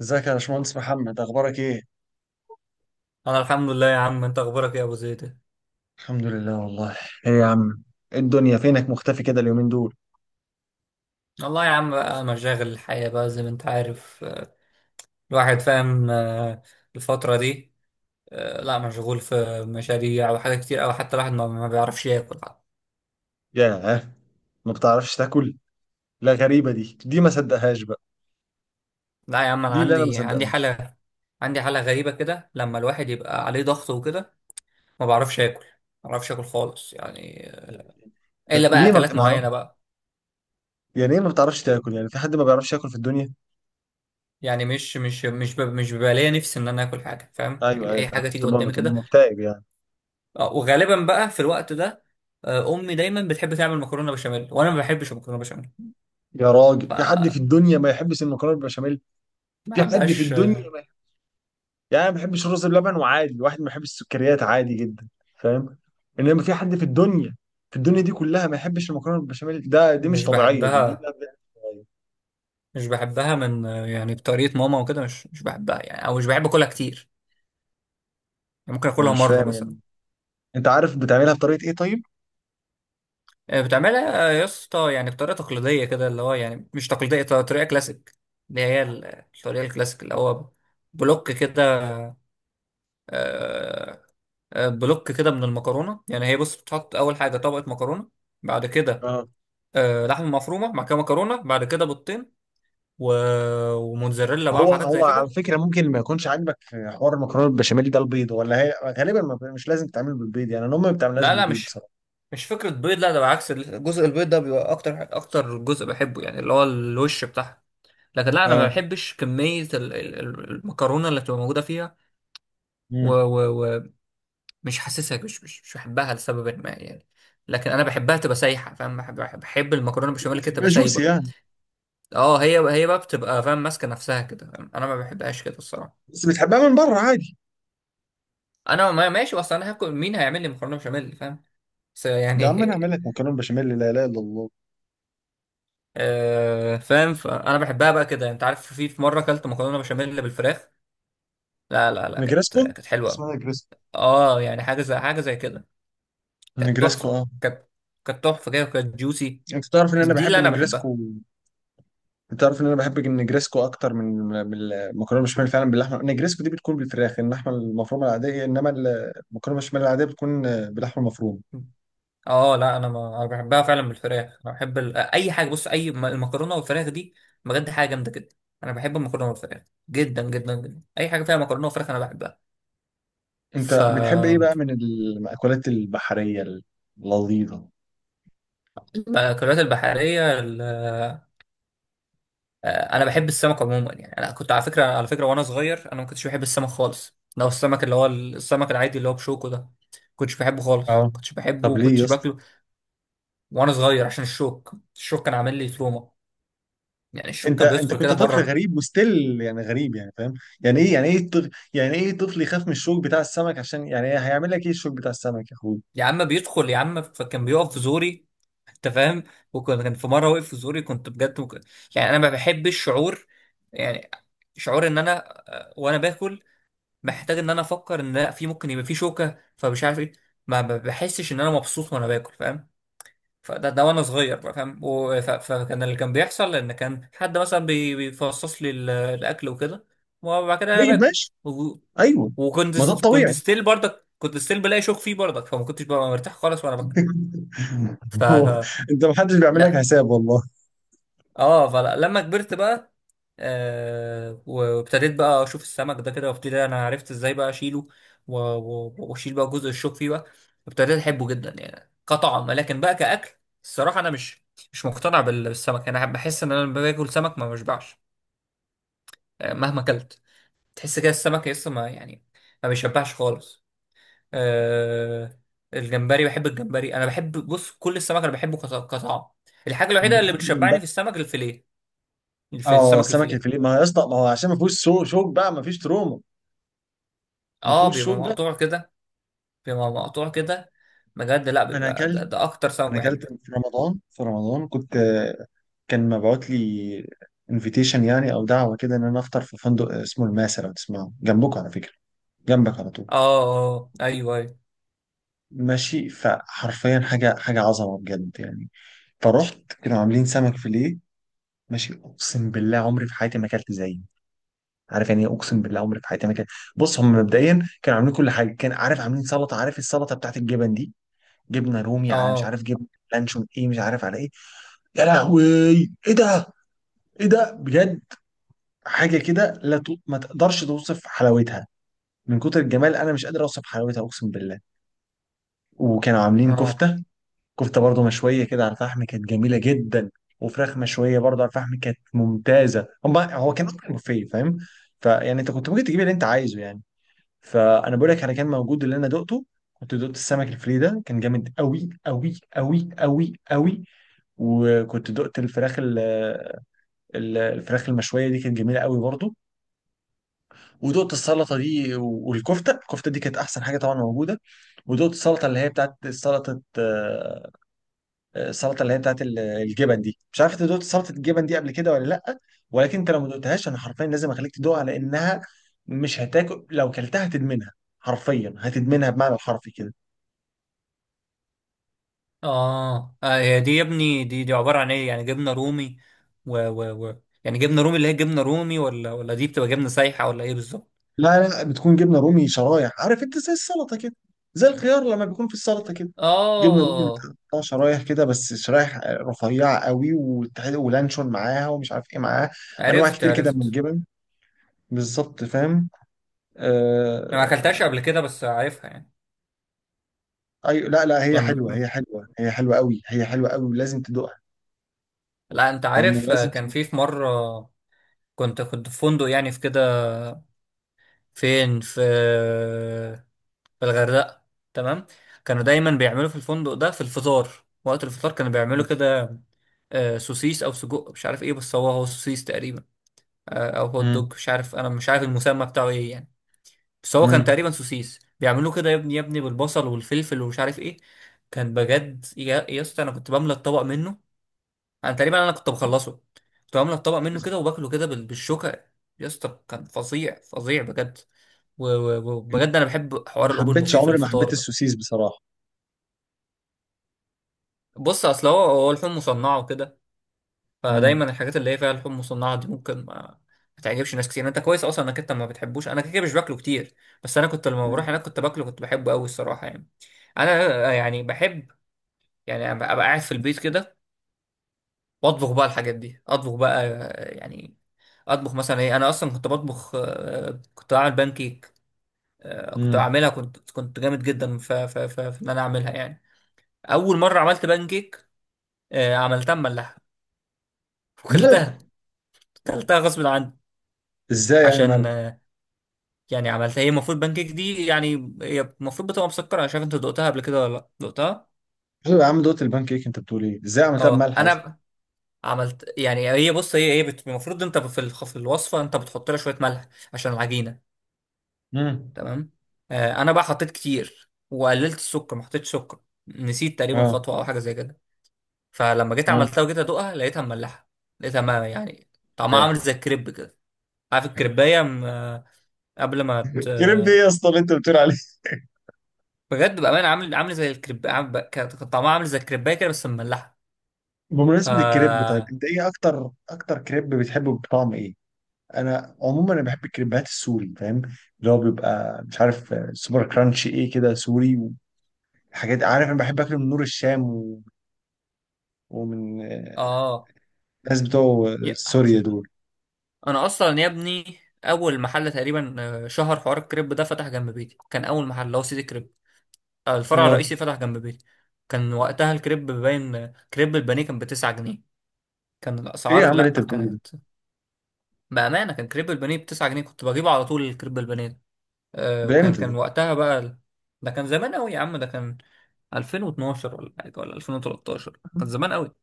ازيك يا باشمهندس محمد؟ اخبارك ايه؟ انا الحمد لله يا عم، انت اخبارك ايه يا ابو زيد؟ الحمد لله والله. ايه يا عم؟ ايه الدنيا، فينك مختفي كده اليومين دول؟ والله يا عم، بقى مشاغل الحياة بقى زي ما انت عارف، الواحد فاهم. الفترة دي، لا، مشغول في مشاريع وحاجات كتير، او حتى الواحد ما بيعرفش ياكل حتى. ياه! ما بتعرفش تاكل؟ لا، غريبة، دي ما صدقهاش بقى. لا يا عم، انا دي اللي انا ما عندي صدقهاش. حالة، عندي حالة غريبة كده لما الواحد يبقى عليه ضغط وكده، ما بعرفش اكل، ما بعرفش اكل خالص يعني. ده الا بقى ليه ما بت... اكلات ما- معينة بقى. يعني ايه ما بتعرفش تاكل؟ يعني في حد ما بيعرفش ياكل في الدنيا؟ يعني مش بيبقى ليا نفسي ان انا اكل حاجة، فاهم؟ ايوه يعني ايوه، اي حاجة فعلا تيجي بتبقى قدامي بتبقى كده. مكتئب يعني. وغالبا بقى في الوقت ده، امي دايما بتحب تعمل مكرونه بشاميل، وانا ما بحبش المكرونه بشاميل. يا راجل، ف في حد في ما الدنيا ما يحبش المكرونة بالبشاميل؟ في حد في بحبهاش الدنيا؟ آه، يعني أنا ما بحبش الرز بلبن، وعادي، الواحد ما بيحبش السكريات، عادي جدا، فاهم؟ انما في حد في الدنيا، في الدنيا دي كلها، ما يحبش المكرونه بالبشاميل؟ دي مش مش طبيعيه. دي بحبها لا، بجد مش طبيعية. مش بحبها من، يعني بطريقه ماما وكده، مش بحبها يعني، او مش بحب اكلها كتير، يعني ممكن انا اكلها مش مره فاهم مثلا. يعني. انت عارف بتعملها بطريقه ايه طيب؟ بتعملها، يا اسطى، يعني بطريقه تقليديه كده، اللي هو يعني مش تقليديه، طريقه كلاسيك، اللي هي الطريقه الكلاسيك، اللي هو بلوك كده. آه، بلوك كده من المكرونه. يعني هي بص، بتحط اول حاجه طبقه مكرونه، بعد كده اه، لحمه مفرومه مع كده مكرونه، بعد كده بيضتين و... وموتزاريلا بقى هو وحاجات زي هو على كده. فكره ممكن ما يكونش عاجبك في حوار المكرونه بالبشاميل ده البيض، ولا هي غالبا ما مش لازم تتعمل بالبيض، يعني انا امي ما بتعملهاش لا لا، بالبيض مش بصراحه. مش فكره بيض، لا، ده بالعكس الجزء البيض ده بيبقى اكتر جزء بحبه، يعني اللي هو الوش بتاعها. لكن لا، انا ما اه. بحبش كميه المكرونه اللي بتبقى موجوده فيها. ومش مم. و... و- ومش حاسسها، مش بحبها لسبب ما يعني. لكن انا بحبها تبقى سايحه، فاهم؟ بحب المكرونه بالبشاميل كده بتحبها تبقى جوسي سايبه. يعني؟ اه، هي بقى بتبقى، فاهم؟ ماسكه نفسها كده، فاهم؟ انا ما بحبهاش كده الصراحه. بس بتحبها من بره عادي. انا، ما ماشي، بس انا هاكل، مين هيعمل لي مكرونه بشاميل، فاهم؟ بس ده عم، انا اعمل يعني لك مكرونه بشاميل، لا اله الا الله. فاهم؟ فانا بحبها بقى كده. انت عارف، في مره اكلت مكرونه بشاميل بالفراخ، لا لا لا، نجرسكو. كانت حلوه. اسمها نجرسكو. اه، يعني حاجه زي كده. كانت نجريسكو، تحفه، اه. كانت تحفه كده وكانت جوسي. انت تعرف ان انا دي بحب اللي انا بحبها. النجريسكو؟ انت تعرف ان انا بحب النجريسكو اكتر من المكرونه بشاميل؟ فعلا باللحمه. النجريسكو دي بتكون بالفراخ، اللحمه المفرومه العاديه، انما المكرونه بشاميل العاديه بتكون باللحمه المفرومه. اه لا، انا ما انا بحبها فعلا بالفراخ. انا بحب ال... اي حاجه بص اي م- المكرونه والفراخ دي بجد حاجه جامده جدا. انا بحب المكرونه والفراخ جدا جدا جدا، اي حاجه فيها مكرونه وفراخ انا بحبها. انت ف بتحب ايه بقى من المأكولات البحريه اللذيذه؟ المأكولات البحرية، أنا بحب السمك عموما. يعني أنا كنت، على فكرة، وأنا صغير أنا ما كنتش بحب السمك خالص، لو السمك اللي هو السمك العادي اللي هو بشوكه ده، كنتش بحبه خالص، اه، كنتش بحبه طب ليه يا وكنتش اسطى؟ باكله. وأنا صغير عشان الشوك كان عامل لي تروما، يعني الشوك انت كان انت بيدخل كنت كده في طفل مرة. غريب وستيل يعني، غريب يعني، فاهم؟ يعني ايه، يعني ايه طفل، يعني ايه طفل يخاف من الشوك بتاع السمك؟ عشان يعني هيعمل لك ايه الشوك بتاع السمك يا اخوي؟ يا عم بيدخل يا عم، فكان بيقف في زوري، أنت فاهم؟ وكان في مرة وقف في زوري، كنت بجد ممكن يعني. أنا ما بحبش الشعور، يعني شعور إن أنا، وأنا باكل، محتاج ان انا افكر ان لا، في ممكن يبقى في شوكه، فمش عارف ايه. ما بحسش ان انا مبسوط وانا باكل، فاهم؟ ده وانا صغير بقى، فاهم؟ فكان اللي كان بيحصل، ان كان حد مثلا بيفصص لي الاكل وكده، وبعد كده انا طيب باكل. ماشي. و- ايوه. ما ده كنت الطبيعي. ستيل برضك، كنت ستيل بلاقي شوك فيه برضك، فما كنتش ببقى مرتاح خالص وانا باكل. ف هو ف- انت ما حدش بيعمل لك لا. حساب والله. اه، فلما كبرت بقى، وابتديت بقى اشوف السمك ده كده، وابتدي انا عرفت ازاي بقى اشيله، واشيل بقى جزء الشوك فيه بقى. ابتديت احبه جدا يعني كطعم، لكن بقى كاكل الصراحه انا مش مقتنع بالسمك. انا بحس ان انا لما باكل سمك ما بشبعش، مهما اكلت، تحس كده السمك لسه، ما يعني، ما بيشبعش خالص. آه الجمبري، بحب الجمبري. انا بحب، بص، كل السمك انا بحبه كطعم. الحاجه الوحيده اللي بتحدد بتشبعني بقى. في السمك، الفيليه، في اه، السمك سمك الفيليه، الفيليه. ما هو يا اسطى، ما هو عشان ما فيهوش شوك بقى، ما فيش تروما. ما اه، فيهوش بيبقى شوك بقى. مقطوع كده، بيبقى مقطوع كده بجد. لا، انا بيبقى اكلت ده اكتر سمك انا بحبه. اكلت في رمضان كنت كان مبعوت لي انفيتيشن يعني، او دعوه كده، ان انا افطر في فندق اسمه الماسه، لو تسمعه جنبكم على فكره، جنبك على طول. اه، اه، ايوه، ايوه. ماشي، فحرفيا حاجه، حاجه عظمه بجد يعني. فرحت، كانوا عاملين سمك فيليه. ماشي، اقسم بالله عمري في حياتي ما اكلت زيه. عارف يعني إيه؟ اقسم بالله عمري في حياتي ما كان. بص، هم مبدئيا كانوا عاملين كل حاجه. كان عارف، عاملين سلطه. عارف السلطه بتاعت الجبن دي؟ جبنه رومي، على مش اه، عارف جبنه لانشون ايه، مش عارف على ايه. يا لهوي، ايه ده؟ ايه ده بجد؟ حاجه كده، لا ت... ما تقدرش توصف حلاوتها. من كتر الجمال انا مش قادر اوصف حلاوتها، اقسم بالله. وكانوا عاملين اه، كفته. كفته برضو مشويه كده على الفحم، كانت جميله جدا. وفراخ مشويه برضو على الفحم، كانت ممتازه. هو كان اكتر بوفيه، فاهم؟ فيعني انت كنت ممكن تجيب اللي انت عايزه يعني. فانا بقول لك، على كان موجود اللي انا دقته. كنت دقت السمك الفري ده، كان جامد قوي قوي قوي قوي قوي. وكنت دقت الفراخ، الفراخ المشويه دي، كانت جميله قوي برضو. ودقت السلطه دي، والكفته دي كانت احسن حاجه طبعا موجوده. ودقت السلطه اللي هي بتاعت سلطه، السلطه اللي هي بتاعت الجبن دي، مش عارف انت دقت سلطه الجبن دي قبل كده ولا لا. ولكن انت لو ما دقتهاش، انا حرفيا لازم اخليك تدوقها، لانها مش هتاكل. لو كلتها هتدمنها، حرفيا هتدمنها، بمعنى الحرفي كده. اه هي دي يا ابني، دي عبارة عن ايه؟ يعني جبنة رومي و يعني جبنة رومي، اللي هي جبنة رومي، ولا دي بتبقى جبنة سايحة، ولا ايه بالظبط؟ لا لا، بتكون جبنه رومي شرايح، عارف انت، زي السلطه كده، زي الخيار لما بيكون في السلطه كده. جبنه رومي اه، بتقطع شرايح كده، بس شرايح رفيعه قوي، ولانشون معاها، ومش عارف ايه معاها، انواع كتير كده من عرفت. الجبن. بالظبط فاهم. انا ما اكلتهاش آه... قبل كده بس عارفها يعني. اي، لا لا، هي يعني حلوه، م- هي حلوه، هي حلوه قوي، هي حلوه قوي، ولازم تدوقها. لا، انت فاهم، عارف، ولازم كان تدوقها. في مرة، كنت في فندق يعني في كده، في في الغردقة، تمام. كانوا دايما بيعملوا في الفندق ده في الفطار، وقت الفطار كانوا بيعملوا كده، سوسيس او سجق مش عارف ايه، بس هو سوسيس تقريبا. او هوت امم. دوج، مش عارف، انا مش عارف المسمى بتاعه ايه يعني. بس هو كان امم. تقريبا سوسيس، بيعملوه كده يا ابني بالبصل والفلفل ومش عارف ايه. كان بجد يا اسطى، انا كنت بملى الطبق منه، انا تقريبا انا كنت بخلصه، كنت بملى الطبق منه كده وباكله كده بالشوكة. يا اسطى كان فظيع، فظيع بجد. وبجد انا بحب حوار ما الاوبن حبيتش، بوفيه في عمري ما الفطار حبيت ده. السوسيس بصراحه. بص، اصل هو اللحوم مصنعه وكده، امم. فدايما الحاجات اللي هي فيها لحوم مصنعه دي ممكن ما تعجبش ناس كتير. انت كويس اصلا انك انت ما بتحبوش، انا كده كده مش باكله كتير، بس انا كنت لما مم. بروح هناك كنت باكله، كنت بحبه قوي الصراحه يعني. انا يعني بحب يعني ابقى، قاعد في البيت كده واطبخ بقى الحاجات دي، اطبخ بقى، يعني اطبخ مثلا ايه. انا اصلا كنت بطبخ، كنت بعمل بانكيك، كنت امم. بعملها، كنت جامد جدا في ان انا اعملها يعني. اول مره عملت بانكيك، عملتها مملحه ملح؟ وكلتها، كلتها غصب عني. ازاي يعني عشان ملح؟ يعني عملتها، هي المفروض بانكيك دي يعني هي المفروض بتبقى مسكره، مش عارف انت دقتها قبل كده ولا لا دقتها. شوف يا عم، دوت البان كيك، انت بتقول ايه؟ ازاي عملتها اه، بملح اصلا؟ عملت، يعني هي بص، المفروض انت في في الوصفه انت بتحط لها شويه ملح عشان العجينه، امم. تمام. آه انا بقى حطيت كتير وقللت السكر، ما حطيتش سكر، نسيت تقريبا اه، خطوه او حاجه زي كده. فلما جيت اه. عملتها وجيت ادوقها لقيتها مملحه، لقيتها، ما يعني، طعمها عامل فاهم. زي الكريب كده. عارف الكريبايه، قبل ما كريب ايه يا اسطى اللي انت بتقول عليه؟ بجد بأمانة عامل، زي الكريب، كان طعمها عامل زي الكريباية كده بس مملحة. بمناسبة الكريب، طيب فا انت ايه اكتر كريب بتحبه بطعم ايه؟ انا عموما انا بحب الكريبات السوري، فاهم؟ اللي هو بيبقى مش عارف، سوبر كرانش ايه كده سوري، وحاجات. عارف، انا بحب اكله من نور الشام، ومن اه، الناس بتوع يا- سوريا دول. أنا أصلا يا ابني، أول محل تقريبا، شهر حوار الكريب ده فتح جنب بيتي، كان أول محل اللي هو سيدي كريب. الفرع اه، الرئيسي فتح جنب بيتي. كان وقتها الكريب باين، كريب البانيه كان بـ9 جنيه. كان ايه يا الأسعار، عم اللي انت لأ بتقوله ده؟ كانت، بأمانة كان كريب البانيه بـ9 جنيه، كنت بجيبه على طول الكريب البانيه. ده وكان امتى ده؟ وقتها بقى ده كان زمان قوي يا عم، ده كان 2012 ولا حاجه ولا 2013، كان زمان قوي.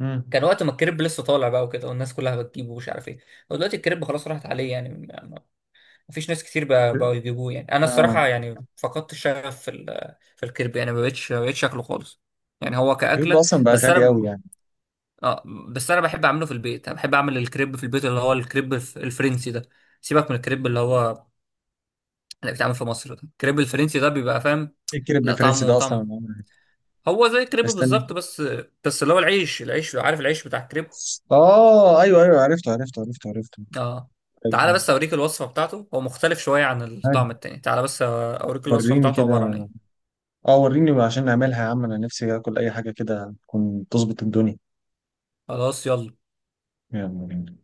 امم. كان وقت ما الكريب لسه طالع بقى وكده، والناس كلها بتجيبه، ومش عارف ايه. هو دلوقتي الكريب خلاص راحت عليه، يعني مفيش ناس كتير بقوا يجيبوه. يعني انا اه، الصراحه يعني فقدت الشغف في في الكريب، يعني ما بقتش شكله خالص يعني، هو الكريب ده كأكلة. اصلا بقى بس انا غالي قوي ب- يعني. اه، بس انا بحب اعمله في البيت، انا بحب اعمل الكريب في البيت، اللي هو الكريب الفرنسي ده. سيبك من الكريب اللي هو اللي بيتعمل في مصر ده، الكريب الفرنسي ده بيبقى، فاهم؟ ايه الكير لا، البريفرنسي طعمه ده اصلا؟ طعم، هو زي الكريب استنى. بالظبط، بس اللي هو العيش، عارف العيش بتاع الكريب، اه، ايوه ايوه، عرفته عرفته عرفته عرفته. اه. تعالى أيوة. بس اوريك الوصفة بتاعته، هو مختلف شوية عن عارف. الطعم التاني، تعالى بس اوريك الوصفة وريني بتاعته كده. عبارة عن ايه. اه، وريني عشان نعملها يا عم، انا نفسي اكل اي حاجه كده تكون تظبط الدنيا. خلاص يلا. يلا بينا.